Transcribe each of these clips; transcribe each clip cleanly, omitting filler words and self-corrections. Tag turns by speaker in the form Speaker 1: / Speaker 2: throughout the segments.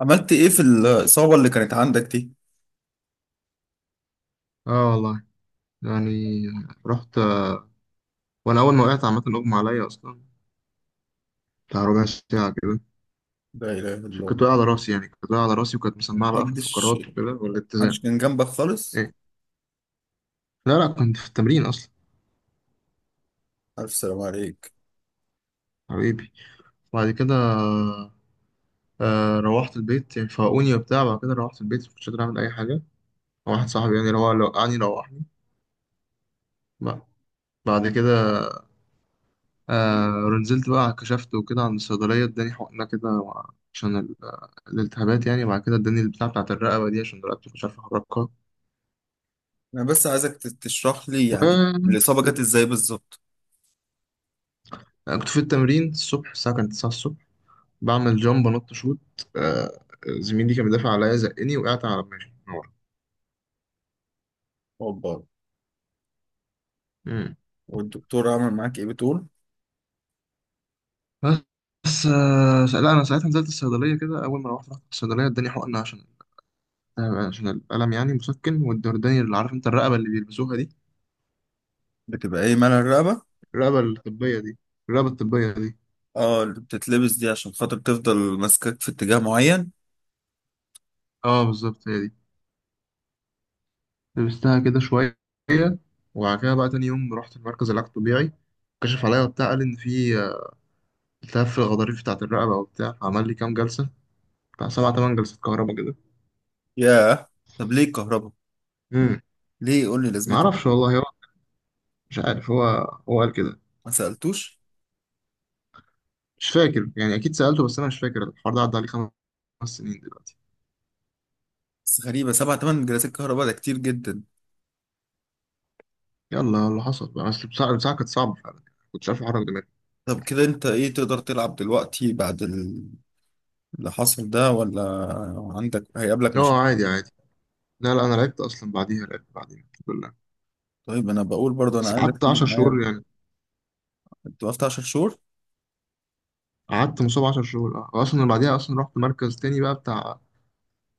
Speaker 1: عملت ايه في الإصابة اللي كانت عندك دي؟
Speaker 2: اه والله يعني رحت آه، وانا اول ما وقعت عامه اغمى عليا اصلا بتاع ربع ساعه كده.
Speaker 1: لا إله إلا
Speaker 2: عشان كنت
Speaker 1: الله.
Speaker 2: واقع على راسي، يعني كنت واقع على راسي، وكانت مسمعه بقى في
Speaker 1: محدش
Speaker 2: الفقرات وكده
Speaker 1: محدش
Speaker 2: والاتزان.
Speaker 1: كان جنبك خالص؟
Speaker 2: ايه؟ لا لا، كنت في التمرين اصلا.
Speaker 1: ألف سلام عليك.
Speaker 2: حبيبي. بعد كده روحت البيت يعني، فاقوني وبتاع، بعد كده روحت البيت مش قادر اعمل اي حاجه. واحد صاحبي يعني روح وقعني روحني بقى. بعد كده ونزلت بقى، كشفت وكده عند الصيدلية، اداني حقنة كده عشان الالتهابات يعني، وبعد كده اداني البتاع بتاعت الرقبة دي، عشان رقبتي مش عارف أحركها
Speaker 1: أنا بس عايزك تشرح لي
Speaker 2: و...
Speaker 1: يعني الإصابة جت إزاي بالظبط؟
Speaker 2: كنت في التمرين الصبح، الساعة كانت 9 الصبح، بعمل جامب أنط شوت. آه زميلي كان بيدافع عليا زقني، وقعت على دماغي من ورا.
Speaker 1: أوبا.
Speaker 2: مم.
Speaker 1: والدكتور عمل معاك إيه بتقول؟
Speaker 2: بس لا، أنا ساعتها نزلت الصيدلية كده، أول ما روحت رحت الصيدلية اداني حقنة عشان الألم، يعني مسكن، واداني اللي عارف أنت الرقبة اللي بيلبسوها دي،
Speaker 1: بتبقى إيه مال الرقبة؟
Speaker 2: الرقبة الطبية دي الرقبة الطبية دي
Speaker 1: اه، اللي بتتلبس دي عشان خاطر تفضل ماسكاك في اتجاه معين.
Speaker 2: اه بالظبط هي دي. لبستها كده شوية، وبعد كده بقى تاني يوم رحت المركز العلاج الطبيعي، كشف عليا وبتاع، قال إن في التهاب في الغضاريف بتاعة الرقبة وبتاع، عمل لي كام جلسة، بتاع سبع تمن جلسات كهرباء كده.
Speaker 1: ياه، طب ليه الكهرباء؟
Speaker 2: امم
Speaker 1: ليه قول لي لازمتها؟
Speaker 2: معرفش والله، هو مش عارف، هو قال كده.
Speaker 1: ما سألتوش؟
Speaker 2: مش فاكر يعني، أكيد سألته بس أنا مش فاكر، الحوار ده عدى عليه 5 سنين دلوقتي.
Speaker 1: بس غريبة، سبع تمن جلسات كهرباء ده كتير جدا.
Speaker 2: يلا، اللي حصل بقى، بس البساعة كانت صعبة فعلا، كنتش عارف أحرك دماغي.
Speaker 1: طب كده انت ايه، تقدر تلعب دلوقتي بعد اللي حصل ده ولا عندك هيقابلك مشاكل؟
Speaker 2: اه، عادي عادي. لا لا، أنا لعبت أصلا بعديها، لعبت بعديها الحمد لله.
Speaker 1: طيب انا بقول برضه انا
Speaker 2: بس
Speaker 1: عايزك
Speaker 2: قعدت
Speaker 1: تيجي
Speaker 2: 10
Speaker 1: معايا.
Speaker 2: شهور يعني،
Speaker 1: انت وقفت 10 شهور؟
Speaker 2: قعدت مصاب 10 شهور، اه اصلا بعديها اصلا رحت مركز تاني بقى بتاع،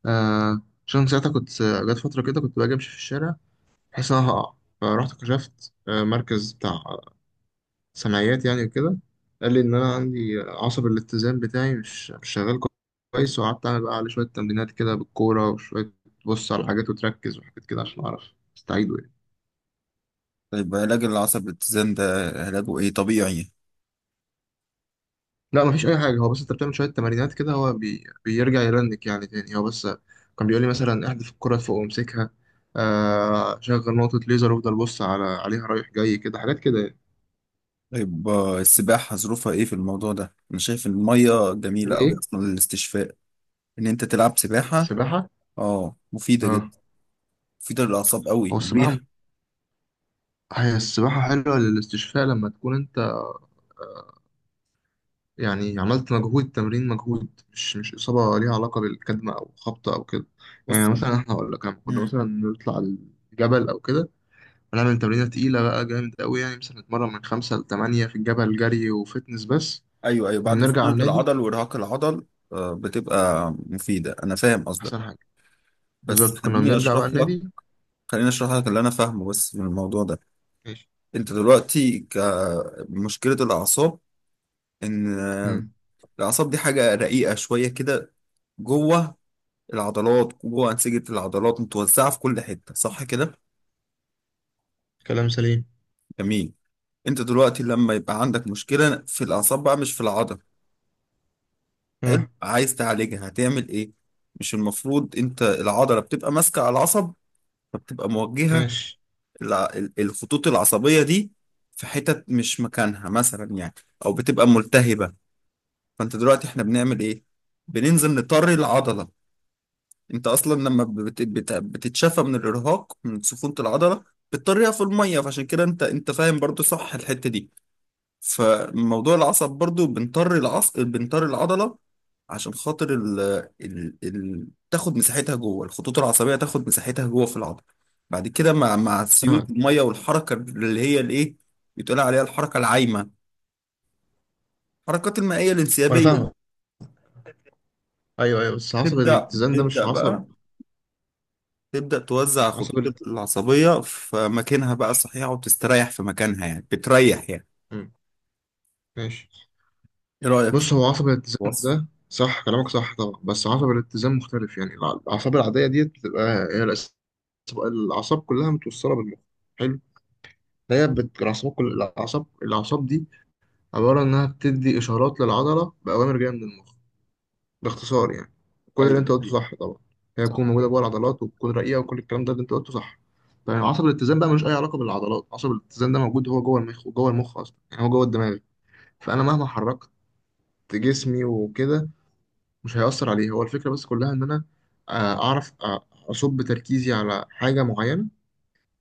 Speaker 2: آه عشان ساعتها كنت، جت فترة كده كنت باجي امشي في الشارع بحس ان انا هقع، فرحت كشفت مركز بتاع سمعيات يعني وكده، قال لي ان انا عندي عصب الاتزان بتاعي مش شغال كويس، وقعدت اعمل بقى عليه شوية تمرينات كده بالكورة، وشوية تبص على حاجات وتركز وحاجات كده عشان اعرف استعيده يعني.
Speaker 1: طيب علاج العصب الاتزان ده علاجه ايه طبيعي؟
Speaker 2: لا، مفيش اي حاجه، هو بس انت بتعمل شويه تمارينات كده، هو بيرجع يرنك يعني تاني. هو بس كان بيقول لي مثلا احذف الكره فوق وامسكها، شغل نقطه ليزر، وافضل بص عليها رايح جاي كده، حاجات كده يعني.
Speaker 1: طيب السباحة ظروفها ايه في الموضوع ده؟ انا شايف المية جميلة قوي
Speaker 2: ايه؟
Speaker 1: اصلا للاستشفاء ان انت تلعب سباحة.
Speaker 2: السباحه؟
Speaker 1: اه مفيدة
Speaker 2: اه.
Speaker 1: جدا، مفيدة للاعصاب قوي،
Speaker 2: هو السباحه
Speaker 1: مريح.
Speaker 2: هي السباحه حلوه للاستشفاء لما تكون انت يعني عملت مجهود، تمرين مجهود، مش اصابه ليها علاقه بالكدمه او خبطه او كده، يعني
Speaker 1: اصلا
Speaker 2: مثلا احنا اقول لك لما كنا
Speaker 1: مم.
Speaker 2: مثلا نطلع الجبل او كده، هنعمل تمرينة تقيلة بقى جامد قوي، يعني مثلا نتمرن من خمسة لتمانية في الجبل جري وفتنس، بس
Speaker 1: ايوه ايوه،
Speaker 2: لما
Speaker 1: بعد
Speaker 2: بنرجع على
Speaker 1: سخونة
Speaker 2: النادي
Speaker 1: العضل وارهاق العضل بتبقى مفيدة، انا فاهم قصدك.
Speaker 2: أحسن حاجة.
Speaker 1: بس
Speaker 2: بالظبط كنا
Speaker 1: خليني
Speaker 2: بنرجع بقى
Speaker 1: اشرح لك،
Speaker 2: النادي.
Speaker 1: خليني اشرح لك اللي انا فاهمه بس من الموضوع ده.
Speaker 2: ماشي.
Speaker 1: انت دلوقتي كمشكلة الأعصاب، إن
Speaker 2: مم.
Speaker 1: الأعصاب دي حاجة رقيقة شوية كده، جوه العضلات، جوه أنسجة العضلات متوزعة في كل حتة، صح كده؟
Speaker 2: كلام سليم.
Speaker 1: جميل. انت دلوقتي لما يبقى عندك مشكلة في الأعصاب بقى مش في العضلة، حلو،
Speaker 2: اه،
Speaker 1: عايز تعالجها هتعمل إيه؟ مش المفروض انت العضلة بتبقى ماسكة على العصب فبتبقى موجهة؟
Speaker 2: ماشي.
Speaker 1: الع- الخطوط العصبية دي في حتت مش مكانها مثلا يعني، أو بتبقى ملتهبة. فانت دلوقتي احنا بنعمل ايه؟ بننزل نطري العضله. انت اصلا لما بتتشافى من الارهاق من سفونه العضله بتطريها في الميه، فعشان كده انت فاهم برضو صح الحته دي. فموضوع العصب برضو بنطري العصب، بنطري العضله عشان خاطر تاخد مساحتها جوه الخطوط العصبيه، تاخد مساحتها جوه في العضله. بعد كده مع سيول
Speaker 2: فاهمك.
Speaker 1: الميه والحركه اللي هي الايه، بتقول عليها الحركه العايمه، الحركات المائيه
Speaker 2: وأنا
Speaker 1: الانسيابيه،
Speaker 2: فاهمك، أيوه أيوه، بس عصب
Speaker 1: تبدا
Speaker 2: الاتزان ده مش
Speaker 1: تبدا
Speaker 2: عصب.
Speaker 1: بقى تبدأ توزع
Speaker 2: عصب
Speaker 1: الخطوط
Speaker 2: الات...
Speaker 1: العصبية في مكانها بقى الصحيح وتستريح في مكانها، يعني بتريح يعني.
Speaker 2: مم. ماشي.
Speaker 1: ايه رأيك في
Speaker 2: بص، هو عصب الاتزان
Speaker 1: الوصف؟
Speaker 2: ده صح، كلامك صح طبعا، بس عصب الاتزان مختلف يعني، الأعصاب العادية ديت بتبقى هي، الأعصاب كلها متوصلة بالمخ. حلو. الأعصاب، كل الأعصاب دي عبارة إنها بتدي إشارات للعضلة بأوامر جاية من المخ، باختصار يعني، كل اللي
Speaker 1: ايوه
Speaker 2: أنت
Speaker 1: ده
Speaker 2: قلته
Speaker 1: حقيقي.
Speaker 2: صح طبعا، هي تكون
Speaker 1: صح.
Speaker 2: موجودة جوه العضلات وتكون رقيقة، وكل الكلام ده اللي أنت قلته صح. طيب عصب الاتزان بقى ملوش أي علاقة بالعضلات، عصب الاتزان ده موجود هو جوه المخ، وجوه المخ أصلا يعني، هو جوه الدماغ. فأنا مهما حركت جسمي وكده مش هيأثر عليه، هو الفكرة بس كلها إن أنا أعرف أصب تركيزي على حاجة معينة،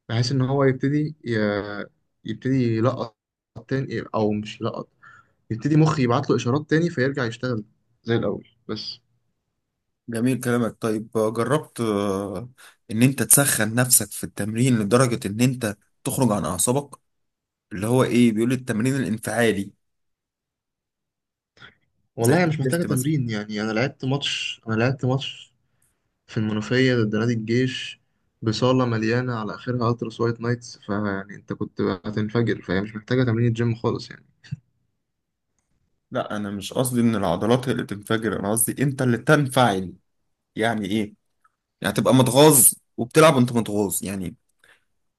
Speaker 2: بحيث إن هو يبتدي يبتدي يلقط تاني، أو مش يلقط، يبتدي مخي يبعت له اشارات تاني فيرجع يشتغل زي الاول بس.
Speaker 1: جميل كلامك. طيب جربت ان انت تسخن نفسك في التمرين لدرجة ان انت تخرج عن اعصابك، اللي هو ايه بيقول التمرين الانفعالي، زي
Speaker 2: والله انا مش محتاجه
Speaker 1: الديدليفت مثلا؟
Speaker 2: تمرين، يعني انا لعبت ماتش في المنوفيه ضد نادي الجيش، بصاله مليانه على اخرها التراس وايت نايتس، فيعني انت كنت هتنفجر، فهي مش محتاجه تمرين جيم خالص يعني.
Speaker 1: لا انا مش قصدي ان العضلات هي اللي تنفجر، انا قصدي انت اللي تنفعل. يعني ايه؟ يعني تبقى متغاظ وبتلعب وانت متغاظ، يعني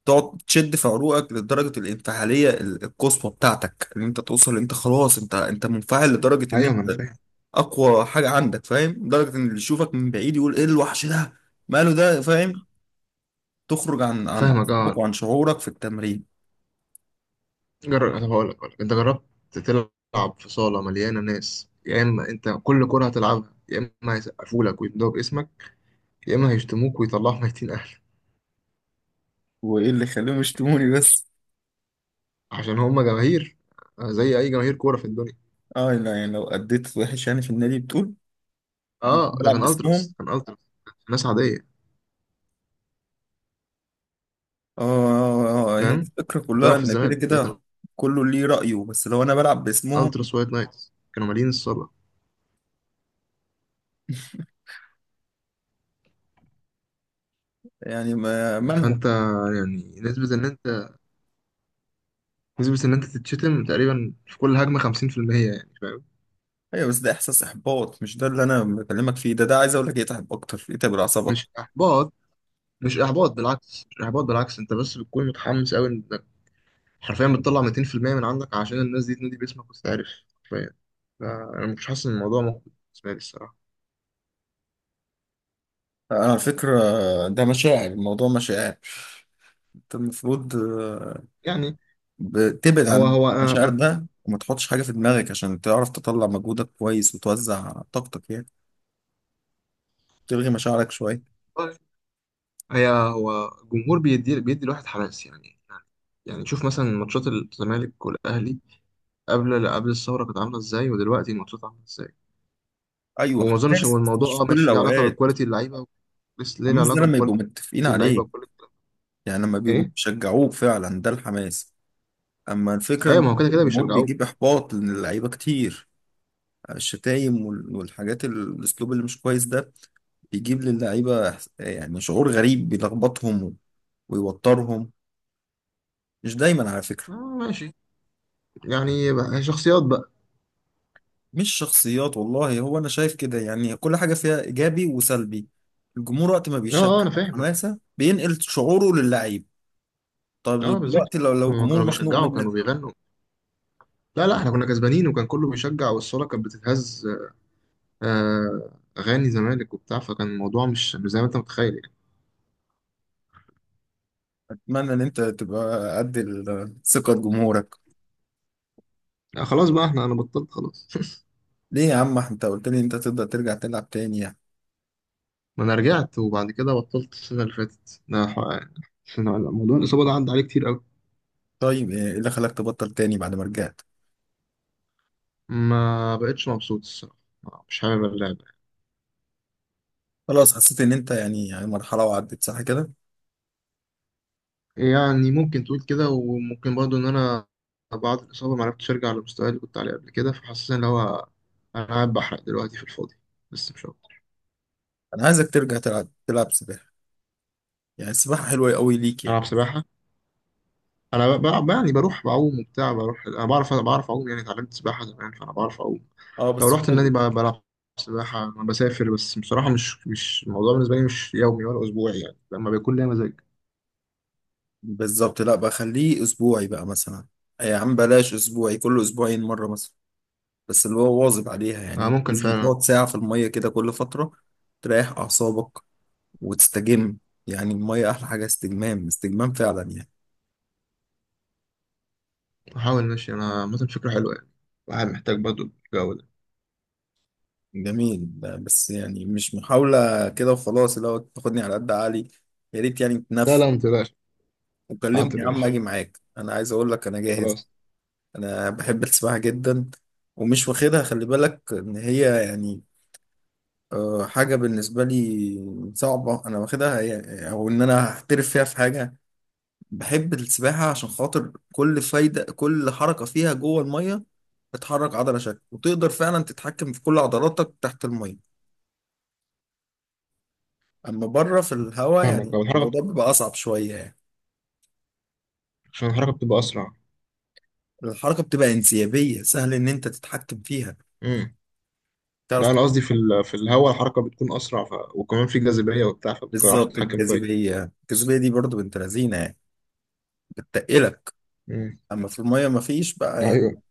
Speaker 1: تقعد تشد في عروقك لدرجه الانفعاليه القصوى بتاعتك، ان انت توصل انت خلاص انت منفعل لدرجه ان
Speaker 2: ايوه، ما انا
Speaker 1: انت
Speaker 2: فاهم.
Speaker 1: اقوى حاجه عندك، فاهم؟ لدرجه ان اللي يشوفك من بعيد يقول ايه الوحش ده، ماله ده، فاهم؟ تخرج عن
Speaker 2: فاهمك،
Speaker 1: عقلك
Speaker 2: اه.
Speaker 1: وعن شعورك في التمرين.
Speaker 2: جرب، طب هقول لك. انت جربت تلعب في صاله مليانه ناس، يا اما انت كل كره هتلعبها يا اما هيسقفوا لك ويمدوا باسمك، يا اما هيشتموك ويطلعوا ميتين اهلك،
Speaker 1: وايه اللي خليهم يشتموني بس؟
Speaker 2: عشان هما جماهير، زي اي جماهير كوره في الدنيا.
Speaker 1: اه لا، يعني لو اديت وحش يعني في النادي بتقول؟ أنا كنت
Speaker 2: اه، ده
Speaker 1: بلعب
Speaker 2: كان
Speaker 1: باسمهم.
Speaker 2: التراس، ناس عاديه.
Speaker 1: اه، هي
Speaker 2: فاهم؟
Speaker 1: الفكره كلها
Speaker 2: بتلعب في
Speaker 1: ان كده
Speaker 2: الزمالك، فده
Speaker 1: كده
Speaker 2: كان
Speaker 1: كله ليه رايه، بس لو انا بلعب باسمهم،
Speaker 2: التراس وايت نايتس، كانوا مالين الصاله.
Speaker 1: يعني مالهم؟
Speaker 2: فانت يعني، نسبه ان انت تتشتم تقريبا في كل هجمه 50%، يعني فاهم؟
Speaker 1: ايوه بس ده احساس احباط، مش ده اللي انا بكلمك فيه. ده ده عايز اقول لك يتعب اكتر، يتعب الاعصاب
Speaker 2: مش
Speaker 1: اكتر.
Speaker 2: احباط، مش احباط بالعكس، انت بس بتكون متحمس قوي انك حرفيا بتطلع 200% من عندك عشان الناس دي تنادي باسمك وتتعرف، حرفيا. فانا مش حاسس ان الموضوع ممكن بالنسبه لي الصراحه،
Speaker 1: انا على فكره ده مشاعر، الموضوع مشاعر. انت المفروض
Speaker 2: يعني
Speaker 1: بتبعد
Speaker 2: هو
Speaker 1: عن
Speaker 2: هو
Speaker 1: المشاعر
Speaker 2: انا،
Speaker 1: ده، وما تحطش حاجه في دماغك عشان تعرف تطلع مجهودك كويس وتوزع طاقتك، يعني تلغي مشاعرك شويه.
Speaker 2: أنا- هو جمهور بيدي الواحد حماس، يعني شوف مثلا ماتشات الزمالك والاهلي قبل الثوره كانت عامله ازاي، ودلوقتي الماتشات عامله ازاي.
Speaker 1: ايوه
Speaker 2: وما اظنش
Speaker 1: حماس
Speaker 2: هو
Speaker 1: بس
Speaker 2: الموضوع،
Speaker 1: مش في
Speaker 2: اه
Speaker 1: كل
Speaker 2: ماشي، ليه علاقه
Speaker 1: الاوقات.
Speaker 2: بكواليتي اللعيبه، بس ليه له
Speaker 1: الحماس ده
Speaker 2: علاقه
Speaker 1: لما يبقوا
Speaker 2: بكواليتي
Speaker 1: متفقين
Speaker 2: اللعيبه
Speaker 1: عليه،
Speaker 2: وكل الكلام.
Speaker 1: يعني لما بيبقوا
Speaker 2: ايه؟
Speaker 1: بيشجعوك فعلا ده الحماس. اما الفكره
Speaker 2: ايوه،
Speaker 1: ان
Speaker 2: ما هو كده كده
Speaker 1: الجمهور
Speaker 2: بيشجعوك.
Speaker 1: بيجيب احباط لان اللعيبه كتير، الشتايم والحاجات الاسلوب اللي مش كويس ده بيجيب للعيبه يعني شعور غريب بيلخبطهم ويوترهم، مش دايما على فكره.
Speaker 2: اه، ماشي. يعني شخصيات بقى.
Speaker 1: مش شخصيات والله، هو انا شايف كده يعني كل حاجه فيها ايجابي وسلبي. الجمهور وقت ما
Speaker 2: اه اه،
Speaker 1: بيشجع
Speaker 2: انا فاهمك.
Speaker 1: حماسه بينقل شعوره للعيب.
Speaker 2: اه
Speaker 1: طب
Speaker 2: بالظبط،
Speaker 1: دلوقتي لو
Speaker 2: هما
Speaker 1: الجمهور
Speaker 2: كانوا
Speaker 1: مخنوق
Speaker 2: بيشجعوا، كانوا
Speaker 1: منك؟
Speaker 2: بيغنوا. لا لا، احنا كنا كسبانين، وكان كله بيشجع والصاله كانت بتتهز، آه، اغاني زمالك وبتاع، فكان الموضوع مش زي ما انت متخيل.
Speaker 1: اتمنى ان انت تبقى قد ثقه جمهورك.
Speaker 2: لا خلاص بقى، انا بطلت خلاص
Speaker 1: ليه يا عم، انت قلت لي انت تقدر ترجع تلعب تاني يعني؟
Speaker 2: ما انا رجعت وبعد كده بطلت، السنه اللي فاتت ده السنة- موضوع الاصابه ده عدى عليه كتير قوي.
Speaker 1: طيب ايه اللي خلاك تبطل تاني بعد ما رجعت؟
Speaker 2: ما بقتش مبسوط الصراحه، مش حابب اللعبه.
Speaker 1: خلاص حسيت ان انت يعني يعني مرحله وعدت، صح كده؟
Speaker 2: يعني ممكن تقول كده، وممكن برضو ان انا بعد الاصابه ما عرفتش ارجع للمستوى اللي كنت عليه قبل كده، فحاسس ان انا قاعد بحرق دلوقتي في الفاضي، بس مش اكتر.
Speaker 1: انا عايزك ترجع تلعب، تلعب سباحه، يعني السباحه حلوه قوي ليك يعني.
Speaker 2: العب سباحه. انا بلعب يعني، بروح بعوم وبتاع، بروح انا بعرف اعوم يعني، اتعلمت سباحه زمان فانا بعرف اعوم.
Speaker 1: اه
Speaker 2: لو
Speaker 1: بس
Speaker 2: رحت
Speaker 1: مش
Speaker 2: النادي
Speaker 1: لازم.
Speaker 2: بقى بلعب سباحة. أنا بسافر بس، بصراحة مش الموضوع بالنسبة لي، مش يومي ولا أسبوعي، يعني لما بيكون ليا مزاج
Speaker 1: بالظبط لا بقى، خليه اسبوعي بقى مثلا. يا عم بلاش اسبوعي، كل اسبوعين مره مثلا، بس اللي هو واظب عليها.
Speaker 2: أنا
Speaker 1: يعني
Speaker 2: ممكن
Speaker 1: لازم
Speaker 2: فعلا.
Speaker 1: تقعد ساعه في الميه كده كل فتره، تريح اعصابك وتستجم. يعني الميه احلى حاجه، استجمام استجمام فعلا يعني.
Speaker 2: أحاول، ماشي، أنا مثلا فكرة حلوة يعني، الواحد محتاج برضه الجو ده.
Speaker 1: جميل. بس يعني مش محاولة كده وخلاص، اللي هو تاخدني على قد عقلي، يا ريت يعني.
Speaker 2: لا لا، متقلقش. حاضر،
Speaker 1: وكلمني يا عم
Speaker 2: ماشي،
Speaker 1: اجي معاك، انا عايز اقول لك انا جاهز.
Speaker 2: خلاص.
Speaker 1: انا بحب السباحة جدا، ومش واخدها، خلي بالك ان هي يعني حاجة بالنسبة لي صعبة انا واخدها او ان انا هحترف فيها في حاجة. بحب السباحة عشان خاطر كل فايدة كل حركة فيها جوه المية بتحرك عضلة شكل، وتقدر فعلا تتحكم في كل عضلاتك تحت المية. اما بره في الهواء
Speaker 2: فاهمك، بقى
Speaker 1: يعني
Speaker 2: الحركة
Speaker 1: الموضوع بيبقى اصعب شوية يعني.
Speaker 2: عشان الحركة بتبقى أسرع.
Speaker 1: الحركة بتبقى انسيابية، سهل ان انت تتحكم فيها،
Speaker 2: امم
Speaker 1: تعرف.
Speaker 2: لا، أنا قصدي في الهواء الحركة بتكون أسرع، وكمان في جاذبية وبتاع، فبتعرف
Speaker 1: بالظبط،
Speaker 2: تتحكم كويس.
Speaker 1: الجاذبية، الجاذبية دي برضو بنت لذينة يعني، بتتقلك.
Speaker 2: امم.
Speaker 1: أما في المية مفيش بقى يعني،
Speaker 2: أيوه،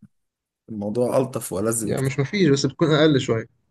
Speaker 1: الموضوع ألطف وألذ
Speaker 2: يعني مش
Speaker 1: بكتير.
Speaker 2: مفيش بس بتكون أقل شوية.